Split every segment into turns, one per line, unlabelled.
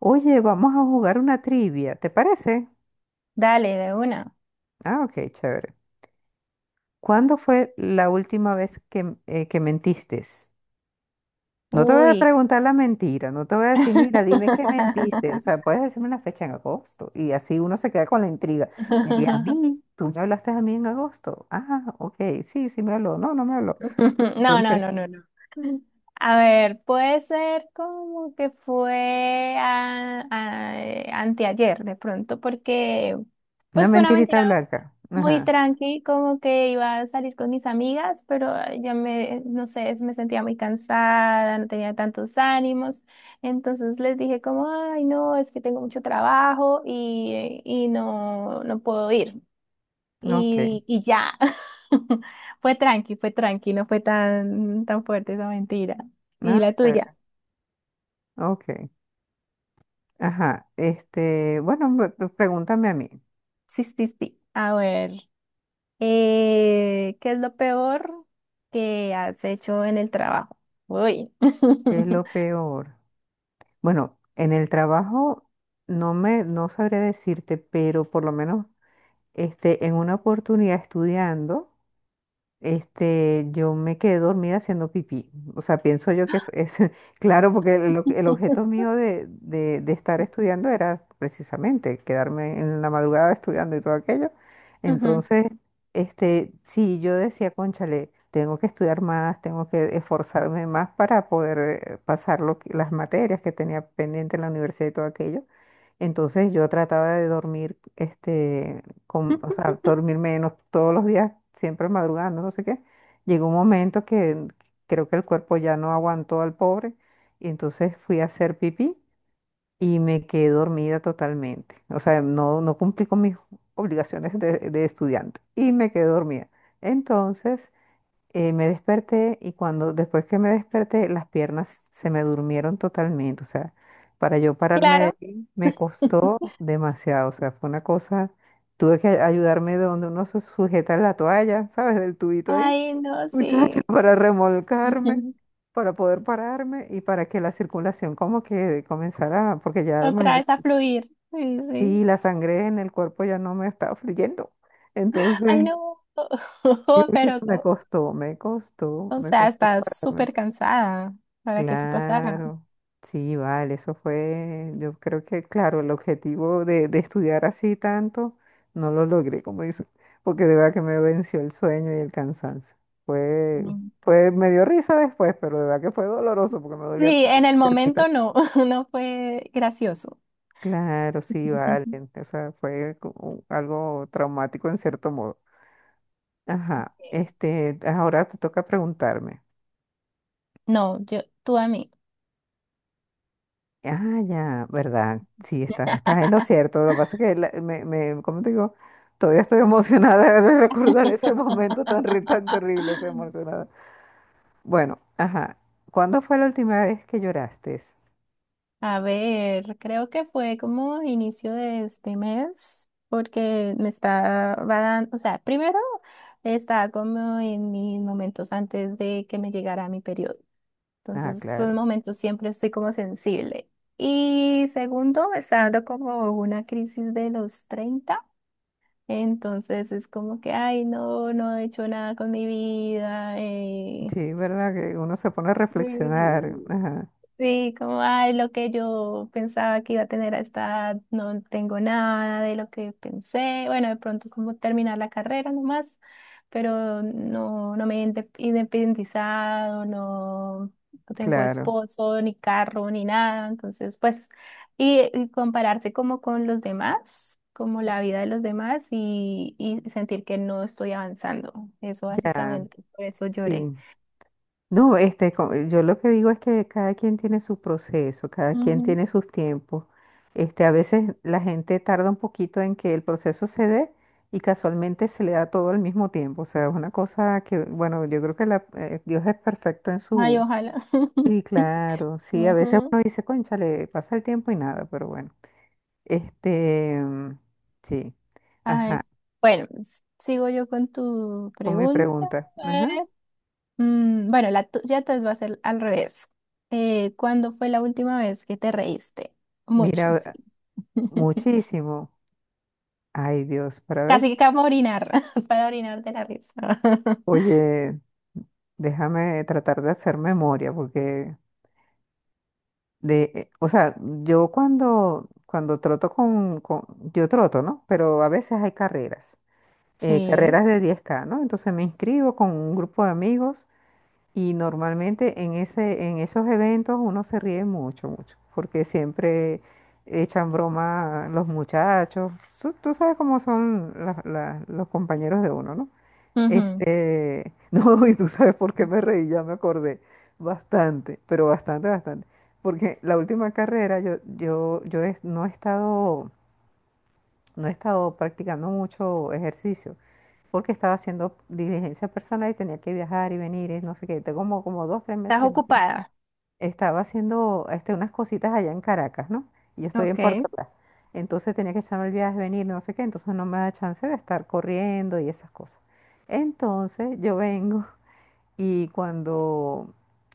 Oye, vamos a jugar una trivia, ¿te parece?
Dale, de una.
Ah, ok, chévere. ¿Cuándo fue la última vez que mentiste? No te voy a
Uy.
preguntar la mentira, no te voy a decir, mira, dime que mentiste. O sea, puedes decirme una fecha en agosto y así uno se queda con la intriga. ¿Sería a mí? ¿Tú me hablaste a mí en agosto? Ah, ok, sí, sí me habló. No, no me habló.
No, no,
Entonces,
no, no, no. A ver, puede ser como que fue anteayer de pronto, porque
una
pues fue una mentira
mentirita blanca.
muy
Ajá,
tranqui, como que iba a salir con mis amigas, pero ya me, no sé, me sentía muy cansada, no tenía tantos ánimos, entonces les dije como, ay, no, es que tengo mucho trabajo y no, no puedo ir.
ok.
Y, y ya. Fue tranqui, no fue tan, tan fuerte esa mentira. ¿Y
Ah,
la tuya?
chévere, ok. Ajá, este, bueno, pues, pregúntame a mí,
Sí, sí, sí. A ver, ¿qué es lo peor que has hecho en el trabajo? Uy.
¿qué es lo peor? Bueno, en el trabajo no sabré decirte, pero por lo menos este, en una oportunidad estudiando. Este, yo me quedé dormida haciendo pipí. O sea, pienso yo que es claro, porque el objeto mío de estar estudiando era precisamente quedarme en la madrugada estudiando y todo aquello.
Ujú.
Entonces, este, sí, yo decía, cónchale, tengo que estudiar más, tengo que esforzarme más para poder pasar las materias que tenía pendiente en la universidad y todo aquello. Entonces yo trataba de dormir, este, o sea, dormir menos todos los días, siempre madrugando, no sé qué. Llegó un momento que creo que el cuerpo ya no aguantó al pobre y entonces fui a hacer pipí y me quedé dormida totalmente. O sea, no cumplí con mis obligaciones de estudiante y me quedé dormida. Entonces, me desperté y cuando después que me desperté las piernas se me durmieron totalmente, o sea, para yo pararme de
Claro.
ahí me costó demasiado, o sea, fue una cosa, tuve que ayudarme de donde uno se sujeta la toalla, ¿sabes? Del tubito ahí,
Ay, no,
muchachos
sí.
para remolcarme,
Ujú.
para poder pararme y para que la circulación como que comenzara, porque ya
Otra
imagínate,
vez a fluir. Sí,
sí,
sí.
la sangre en el cuerpo ya no me estaba fluyendo,
Ay,
entonces,
no.
sí, muchachos
Pero,
me costó, me costó,
o
me
sea,
costó.
estás súper cansada para que eso pasara.
Claro, sí, vale, eso fue, yo creo que, claro, el objetivo de estudiar así tanto, no lo logré, como dice, porque de verdad que me venció el sueño y el cansancio. Fue,
Mm.
fue, me dio risa después, pero de verdad que fue doloroso porque me
Sí,
dolía la
en el
piernita.
momento no, no fue gracioso.
Claro, sí, vale, o sea, fue como algo traumático en cierto modo. Ajá, este, ahora te toca preguntarme.
No, yo, tú a mí.
Ah, ya, ¿verdad? Sí, estás, estás en lo cierto. Lo que pasa es que, ¿cómo te digo? Todavía estoy emocionada de recordar ese momento tan, tan terrible, estoy emocionada. Bueno, ajá. ¿Cuándo fue la última vez que lloraste?
A ver, creo que fue como inicio de este mes, porque me estaba dando, o sea, primero estaba como en mis momentos antes de que me llegara mi periodo.
Ah,
Entonces, esos
claro.
momentos siempre estoy como sensible. Y segundo, me está dando como una crisis de los 30. Entonces es como que, ay, no, no he hecho nada con mi vida. Eh,
Sí, ¿verdad? Que uno se pone a reflexionar.
mm,
Ajá,
sí, como, ay, lo que yo pensaba que iba a tener a esta edad, no tengo nada de lo que pensé. Bueno, de pronto como terminar la carrera nomás, pero no, no me he independizado, no, no tengo
claro.
esposo, ni carro, ni nada. Entonces, pues, y compararse como con los demás, como la vida de los demás y sentir que no estoy avanzando. Eso básicamente, por eso lloré.
Sí. No, este, yo lo que digo es que cada quien tiene su proceso, cada quien
Ujú.
tiene sus tiempos. Este, a veces la gente tarda un poquito en que el proceso se dé y casualmente se le da todo al mismo tiempo. O sea, es una cosa que, bueno, yo creo que Dios es perfecto en
Ay,
su...
ojalá.
Sí, claro, sí, a veces
Ujú.
uno dice, le pasa el tiempo y nada, pero bueno. Este, sí, ajá,
Ay, bueno, sigo yo con tu
con mi
pregunta.
pregunta.
A
Ajá,
ver. Mm, bueno, la tuya entonces va a ser al revés. ¿Cuándo fue la última vez que te reíste? Mucho, sí.
mira, muchísimo. Ay, Dios, para
Casi
ver.
que acabo de orinar, para orinar de la risa.
Oye, déjame tratar de hacer memoria, porque o sea, yo cuando troto yo troto, ¿no? Pero a veces hay carreras,
Sí.
carreras de 10K, ¿no? Entonces me inscribo con un grupo de amigos y normalmente en ese, en esos eventos uno se ríe mucho, mucho, porque siempre echan broma los muchachos. Tú sabes cómo son los compañeros de uno, ¿no?
Ujú.
Este, no, y tú sabes por qué me reí, ya me acordé. Bastante, pero bastante, bastante. Porque la última carrera no he estado, no he estado practicando mucho ejercicio, porque estaba haciendo diligencia personal y tenía que viajar y venir y no sé qué. Tengo como, dos, tres meses
Estás
que no hacía.
ocupada.
Estaba haciendo este, unas cositas allá en Caracas, ¿no? Y yo estoy en Puerto
Ok.
Plata. Entonces tenía que echarme el viaje, venir, no sé qué. Entonces no me da chance de estar corriendo y esas cosas. Entonces yo vengo. Y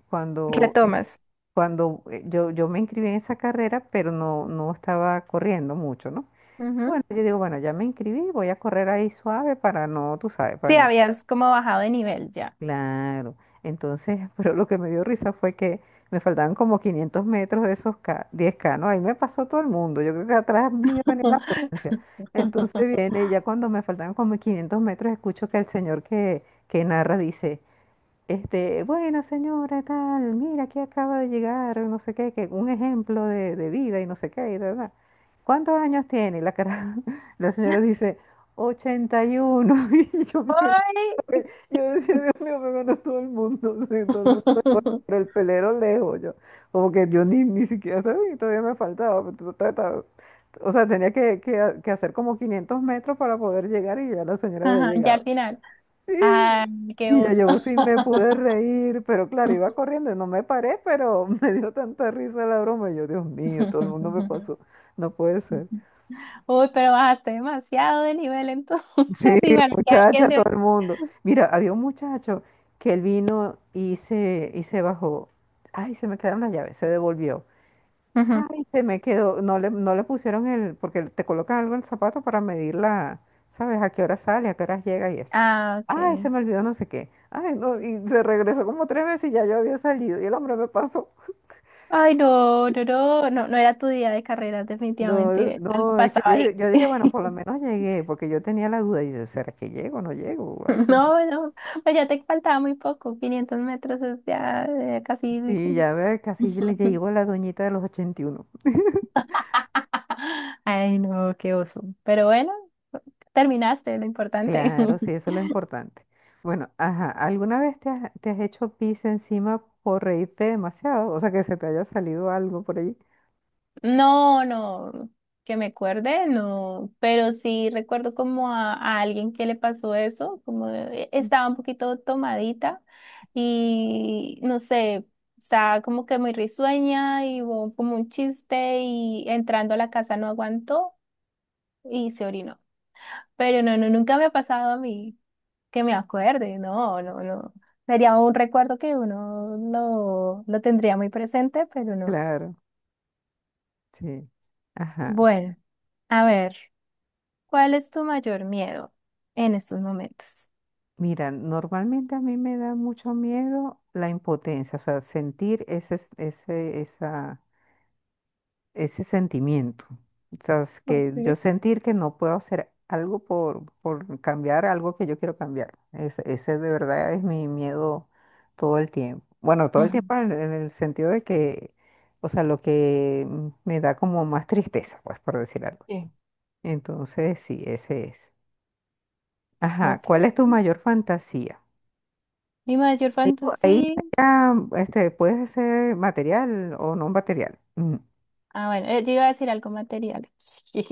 cuando, eh,
Retomas.
cuando, yo me inscribí en esa carrera, pero no, no estaba corriendo mucho, ¿no?
Ujú.
Bueno, yo digo, bueno, ya me inscribí, voy a correr ahí suave para no, tú sabes, para
Sí,
no.
habías como bajado de nivel ya.
Claro. Entonces, pero lo que me dio risa fue que me faltaban como 500 metros de esos K, 10K, ¿no? Ahí me pasó todo el mundo. Yo creo que atrás mío venía la ambulancia. Entonces viene, ya cuando me faltaban como 500 metros, escucho que el señor que narra dice... Este, buena señora, tal, mira, aquí acaba de llegar, no sé qué, que un ejemplo de vida y no sé qué, y de verdad. ¿Cuántos años tiene? Y la cara, la señora dice, ochenta y uno. Y yo,
Ay.
yo decía, Dios mío, me ganó todo el mundo, sí, todo el mundo. Pero el pelero lejos, yo, como que yo ni, ni siquiera sabía, y todavía me faltaba, pues, o sea, tenía que hacer como 500 metros para poder llegar y ya la señora había
Ajá, ya al
llegado.
final. Ay, qué
Sí. Mira,
oso.
yo sí me pude reír, pero claro, iba corriendo y no me paré, pero me dio tanta risa la broma. Yo, Dios mío, todo el mundo me pasó. No puede ser.
Uy, pero bajaste demasiado de nivel
Sí,
entonces, y bueno, que alguien
muchacha, todo
de...
el mundo. Mira, había un muchacho que él vino y se bajó. Ay, se me quedaron las llaves, se devolvió.
Ujú.
Ay, se me quedó, no le pusieron el, porque te colocan algo en el zapato para medir la, ¿sabes? A qué hora sale, a qué hora llega y eso.
Ah, ok.
Ay, se me olvidó no sé qué. Ay, no, y se regresó como 3 veces y ya yo había salido y el hombre me pasó.
Ay, no, no, no, no, no era tu día de carreras,
No,
definitivamente algo
no, es que
pasaba
yo,
ahí.
yo dije, bueno, por lo menos llegué, porque yo tenía la duda y yo, ¿será que llego o no llego? Ay, Dios mío.
No, no, pues ya te faltaba muy poco, 500 metros es ya casi...
Y ya ve, casi le llegó la doñita de los 81.
Ay, no, qué oso. Pero bueno, terminaste, lo importante.
Claro, sí, eso es lo importante. Bueno, ajá, ¿alguna vez te has hecho pis encima por reírte demasiado? O sea, que se te haya salido algo por ahí.
No, no, que me acuerde, no, pero sí recuerdo como a alguien que le pasó eso,
Mm.
estaba un poquito tomadita y no sé, estaba como que muy risueña y hubo como un chiste y entrando a la casa no aguantó y se orinó. Pero no, no, nunca me ha pasado a mí que me acuerde, no, no, no. Sería un recuerdo que uno lo tendría muy presente, pero no.
Claro, sí. Ajá.
Bueno, a ver. ¿Cuál es tu mayor miedo en estos momentos?
Mira, normalmente a mí me da mucho miedo la impotencia, o sea, sentir ese sentimiento. O sea, es que yo
Ok.
sentir que no puedo hacer algo por cambiar algo que yo quiero cambiar. Ese de verdad es mi miedo todo el tiempo. Bueno, todo el
Ujú.
tiempo en el sentido de que, o sea, lo que me da como más tristeza, pues, por decir algo.
Bien.
Entonces, sí, ese es. Ajá,
Ok.
¿cuál es tu mayor fantasía?
Mi mayor
Ahí
fantasía.
ya, este, puede ser material o no material. Mm.
Ah, bueno, yo iba a decir algo material.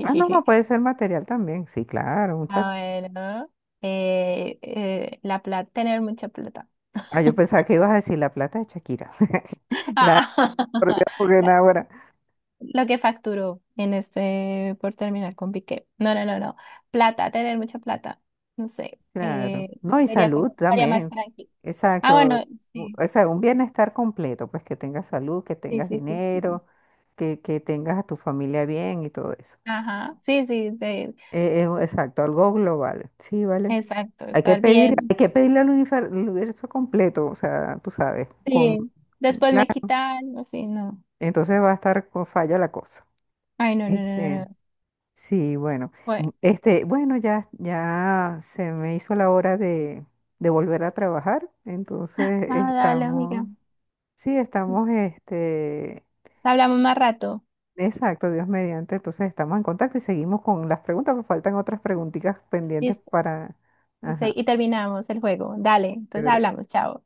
Ah, no, no, puede ser material también. Sí, claro, muchacho.
Ah, bueno. Eh, la plata, tener mucha plata.
Ah, yo pensaba que ibas a decir la plata de Shakira. Claro,
Ah,
por Dios, porque
la-
nada, ahora.
lo que facturó en este por terminar con Piqué. No, no, no, no. Plata, tener mucha plata. No sé.
Claro. No, y
Sería
salud
como, estaría más
también.
tranquila. Ah,
Exacto.
bueno, sí,
O sea, un bienestar completo, pues que tengas salud, que
sí,
tengas
sí, sí, sí.
dinero, que tengas a tu familia bien y todo eso.
Ajá, sí, sí,
Exacto, algo global. Sí, vale.
exacto,
Hay que
estar
pedir, hay
bien.
que pedirle al al universo completo, o sea, tú sabes, con
Sí, después me
claro,
quita algo, sí, no.
entonces va a estar con falla la cosa.
Ay, no, no, no, no.
Este,
No.
sí, bueno,
Bueno,
este, bueno, ya se me hizo la hora de volver a trabajar, entonces
ah, dale,
estamos,
amiga.
sí, estamos, este,
Hablamos más rato.
exacto, Dios mediante, entonces estamos en contacto y seguimos con las preguntas, pues faltan otras preguntitas pendientes
Listo.
para,
Sí,
ajá,
y terminamos el juego. Dale, entonces hablamos, chao.